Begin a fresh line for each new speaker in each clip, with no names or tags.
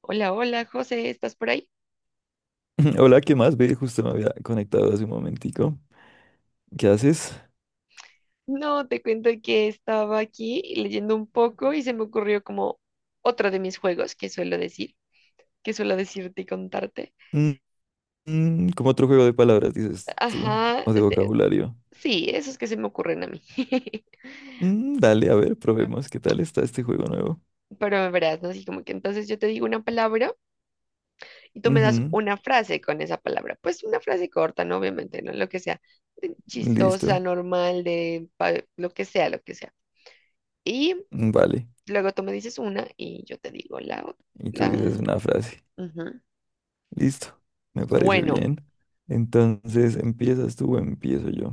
Hola, hola, José, ¿estás por ahí?
Hola, ¿qué más? Ve, justo me había conectado hace un momentico. ¿Qué haces?
No, te cuento que estaba aquí leyendo un poco y se me ocurrió como otro de mis juegos que suelo decir, que suelo decirte y contarte.
Mm, como otro juego de palabras, dices tú,
Ajá,
o de
este,
vocabulario.
sí, esos que se me ocurren a mí.
Dale, a ver, probemos qué tal está este juego nuevo.
Pero me verás, ¿no? Así como que entonces yo te digo una palabra y tú me das
Ujú,
una frase con esa palabra. Pues una frase corta, ¿no? Obviamente, ¿no? Lo que sea, de chistosa,
listo,
normal, lo que sea, lo que sea. Y
vale.
luego tú me dices una y yo te digo la
Y tú dices
otra.
una frase.
Ujú.
Listo, me parece
Bueno,
bien. Entonces, ¿empiezas tú o empiezo yo?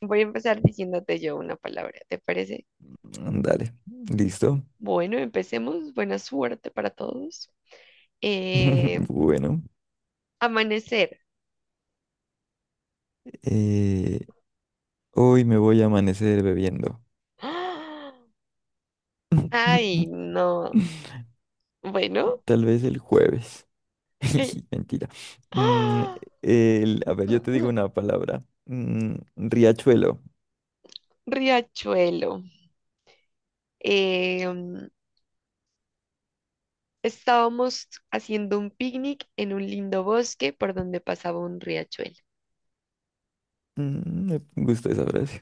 voy a empezar diciéndote yo una palabra, ¿te parece?
Dale, listo.
Bueno, empecemos. Buena suerte para todos. Eh,
Bueno,
amanecer.
eh, hoy me voy a amanecer bebiendo.
¡Ah! Ay, no. Bueno.
Tal vez el jueves.
eh,
Mentira. Mm,
¡ah!
a ver, yo te digo una palabra. Riachuelo.
Riachuelo. Eh, mm, estábamos haciendo un picnic en un lindo bosque por donde pasaba un riachuelo.
Me gusta esa frase.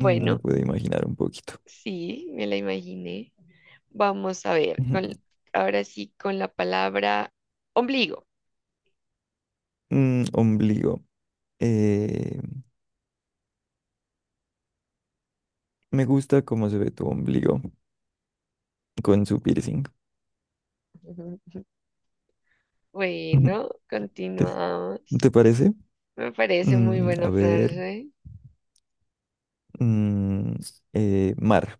Me lo puedo imaginar un poquito.
sí, me la imaginé. Vamos a ver,
Ujú.
con, ahora sí con la palabra ombligo.
Ombligo. Eh, Me gusta cómo se ve tu ombligo con su piercing. Ujú.
Bueno,
¿Te,
continuamos.
¿Te parece?
Me parece muy
A
buena
ver.
frase.
Mm, Mar.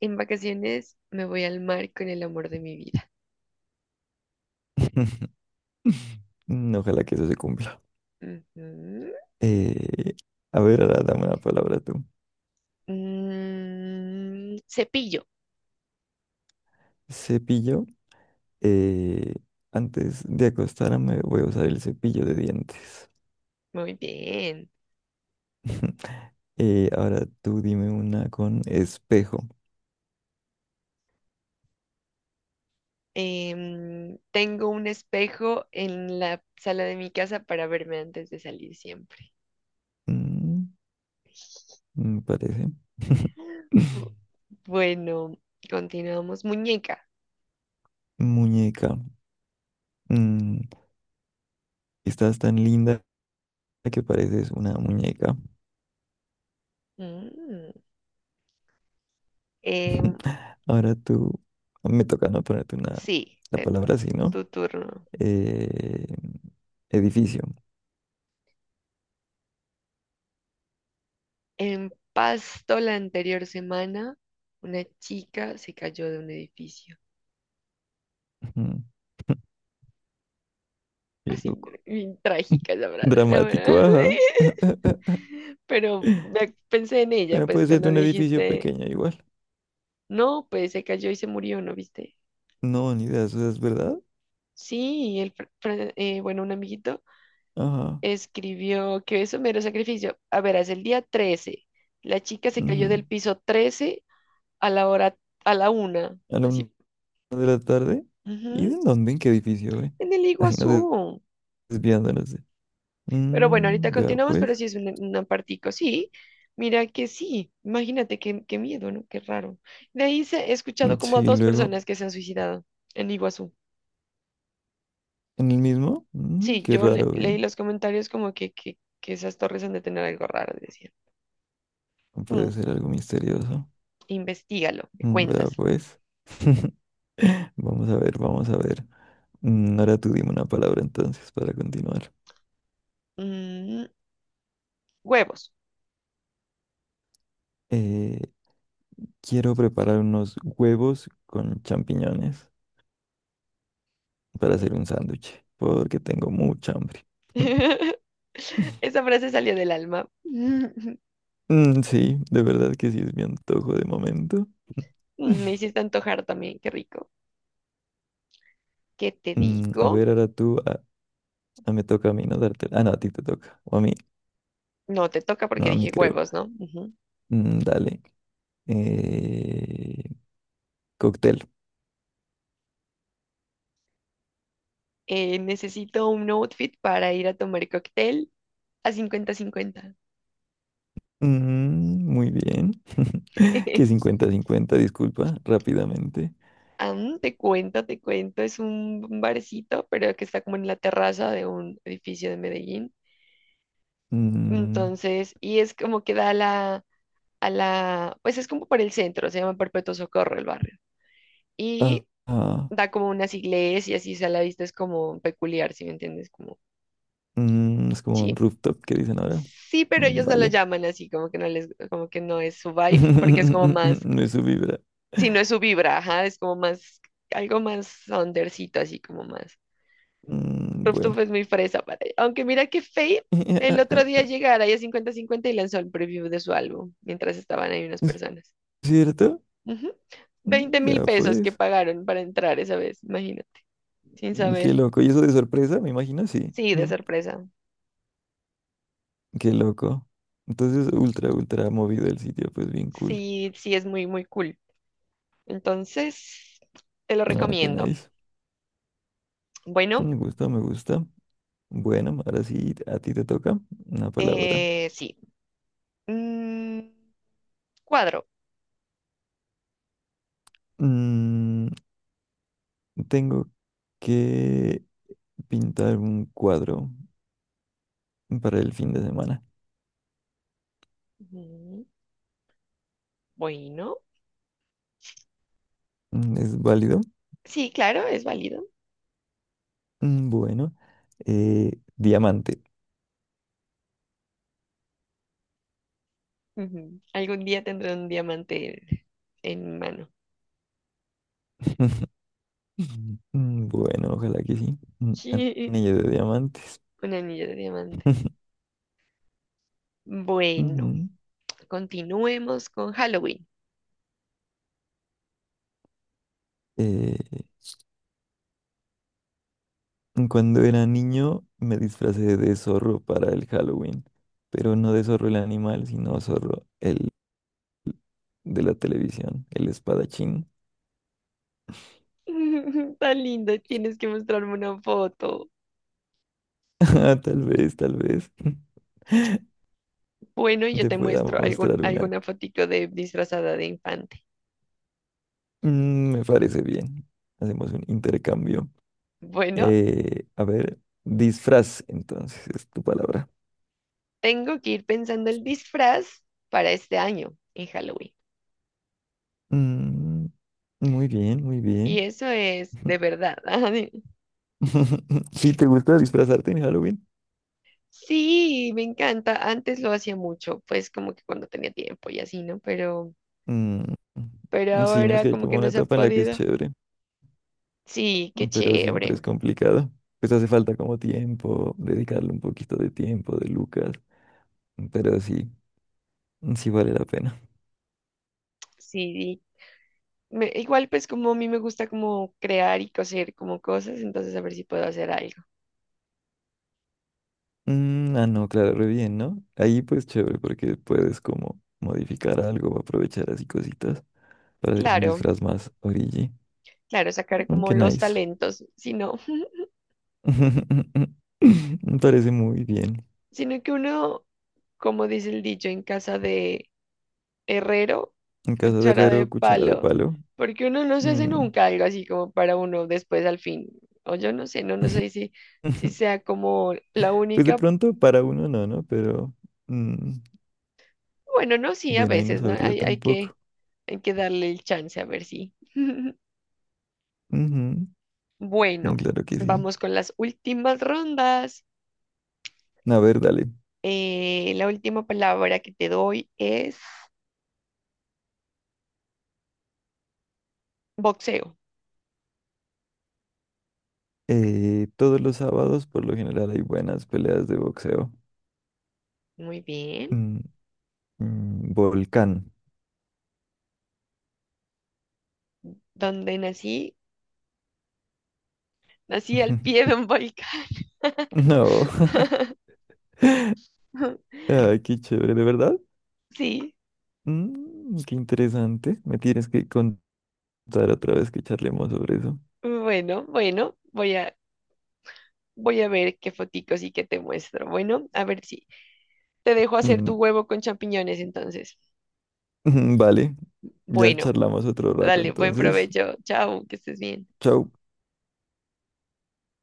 En vacaciones me voy al mar con el amor de mi vida.
Ojalá que eso se cumpla.
Ujú.
Eh, a ver, ahora dame una palabra tú.
Mm, cepillo.
Cepillo. Eh, Antes de acostarme voy a usar el cepillo de dientes.
Muy bien.
Ahora tú dime una con espejo.
Tengo un espejo en la sala de mi casa para verme antes de salir siempre.
Mm, Me parece.
Bu- Bueno, continuamos. Muñeca.
Muñeca. Mm, Estás tan linda que pareces una muñeca.
Mm. Em,
Ahora tú, me toca no ponerte una,
sí,
la palabra así, ¿no?
tu turno.
Eh, Edificio.
En Pasto la anterior semana, una chica se cayó de un edificio.
Ujú. Qué
Así,
loco.
bien trágica esa frase, la
Dramático,
verdad.
ajá.
Pensé en ella,
Bueno,
pues
puede ser de
cuando
un edificio
dijiste,
pequeño igual.
no, pues se cayó y se murió, ¿no viste?
No, ni idea, eso es verdad.
Sí, el, bueno, un amiguito
Ajá.
escribió que eso mero sacrificio. A ver, es el día 13. La chica se cayó
Ujú.
del piso 13 a la hora, a la una.
A la una
Así.
de la tarde. ¿Y
Ujú.
de dónde? ¿En qué edificio,
En el
Así nos
Iguazú.
desviándonos.
Pero bueno, ahorita
Mm, vea,
continuamos,
pues.
pero sí es un apartico, sí. Mira que sí, imagínate qué miedo, ¿no? Qué raro. De ahí se, he
Mm,
escuchado como a
sí,
dos
luego.
personas que se han suicidado en Iguazú.
¿En el mismo? Mm,
Sí,
qué raro,
leí
eh.
los comentarios como que esas torres han de tener algo raro, decían. Mm,
Puede ser algo misterioso.
investígalo, me
Mm, vea,
cuentas.
pues. Vamos a ver, vamos a ver. Ahora tú dime una palabra entonces para continuar.
Mm, huevos.
Eh, Quiero preparar unos huevos con champiñones, para hacer
Mm.
un sándwich, porque tengo mucha hambre.
Esa frase salió del alma.
Sí, de verdad que sí es mi antojo de momento.
Mm, me hiciste antojar también, qué rico. ¿Qué te
A
digo?
ver, ahora tú, me toca a mí, ¿no? Darte. Ah, no, a ti te toca. O a mí.
No, te toca
No,
porque
a mí
dije
creo.
huevos, ¿no? Ujú.
Dale. Eh, Cóctel.
Necesito un outfit para ir a tomar cóctel a cincuenta-cincuenta.
Mm, muy bien. Que cincuenta cincuenta disculpa, rápidamente.
Am, te cuento, te cuento. Es un barcito, pero que está como en la terraza de un edificio de Medellín.
Mm,
Entonces, y es como que da a a la, pues es como por el centro, se llama Perpetuo Socorro el barrio.
ah,
Y
ah,
da como unas iglesias y así, o sea, la vista es como peculiar, si me entiendes, como,
es como
sí.
un rooftop que dicen ahora.
Sí, pero
Mm,
ellos no lo
vale.
llaman así, como que no les, como que no es su vibe, porque es como más,
No es su vibra.
si no es su vibra, ajá, es como más, algo más undercito, así como más.
Mm,
Rooftop
bueno.
es muy fresa para... Aunque mira que Faye el otro día llegara a cincuenta cincuenta y lanzó el preview de su álbum, mientras estaban ahí unas personas.
¿Cierto?
Ujú.
Mm,
20 mil
vea
pesos que
pues.
pagaron para entrar esa vez, imagínate, sin
Mm, qué
saber.
loco. ¿Y eso de sorpresa? Me imagino, sí.
Sí, de
Mm,
sorpresa.
qué loco. Entonces, ultra, ultra movido el sitio, pues bien cool.
Sí, sí, es muy, muy cool. Entonces, te lo
Ah, qué
recomiendo.
nice.
Bueno,
Me gusta, me gusta. Bueno, ahora sí, a ti te toca una palabra.
eh, sí. Mm, cuadro.
Mm, Tengo que pintar un cuadro para el fin de semana.
Ujú, bueno.
Mm, ¿es válido?
Sí, claro, es válido.
Mm, bueno, diamante.
Ujú. Algún día tendré un diamante en mi mano.
Mm, bueno, ojalá que sí. Un
Sí,
anillo de diamantes.
un anillo de diamante. Bueno,
Ujú.
continuemos con Halloween.
Eh, Cuando era niño me disfracé de zorro para el Halloween, pero no de zorro el animal, sino zorro el de la televisión, el espadachín.
Tan lindo, tienes que mostrarme una foto.
Ah, tal vez, tal vez
Bueno, yo
te
te
pueda
muestro
mostrar una.
alguna fotito de disfrazada de infante.
Mm, me parece bien. Hacemos un intercambio.
Bueno,
A ver, disfraz, entonces, es tu palabra.
tengo que ir pensando el disfraz para este año en Halloween.
Mm, muy bien, muy
Y
bien.
eso es de verdad. ajá, de-
Si te gusta disfrazarte en Halloween,
Sí, me encanta. Antes lo hacía mucho, pues como que cuando tenía tiempo y así, ¿no?
mm,
Pero
sí, no es
ahora
que hay
como
como
que no
una
se ha
etapa en la que es
podido.
chévere,
Sí, qué
pero siempre
chévere.
es complicado. Pues hace falta como tiempo, dedicarle un poquito de tiempo, de lucas, pero sí, sí vale la pena.
Sí, igual pues como a mí me gusta como crear y coser como cosas, entonces a ver si puedo hacer algo.
Mm, ah, no, claro, re bien, ¿no? Ahí pues chévere porque puedes como modificar algo, aprovechar así cositas para hacer un
Claro,
disfraz más origi.
claro, sacar
Mm,
como
qué
los
nice.
talentos, sino,
Me parece muy bien.
sino que uno, como dice el dicho en casa de herrero,
En casa de
cuchara de
herrero, cuchara de
palo,
palo.
porque uno no se hace
Mm,
nunca algo así como para uno después al fin, o yo no sé, no, no sé si, si sea como la
pues de
única,
pronto para uno no, ¿no? Pero mm,
bueno, no, sí, a
bueno, ahí no
veces, ¿no?
sabría tampoco.
Hay que darle el chance a ver si.
Ujú,
Bueno,
claro que sí.
vamos con las últimas rondas.
A ver, dale.
La última palabra que te doy es boxeo.
Todos los sábados por lo general hay buenas peleas de boxeo.
Muy bien.
Mm, Volcán.
¿Dónde nací? Nací al pie de un volcán.
No. Ay, qué chévere, ¿de verdad?
Sí.
Mm, qué interesante. Me tienes que contar otra vez que charlemos sobre eso.
Bueno, bueno, voy a ver qué foticos y qué te muestro. Bueno, a ver si te dejo hacer
Mm,
tu huevo con champiñones entonces.
vale, ya
Bueno,
charlamos otro rato,
dale, buen
entonces.
provecho. Chao, que estés bien.
Chao.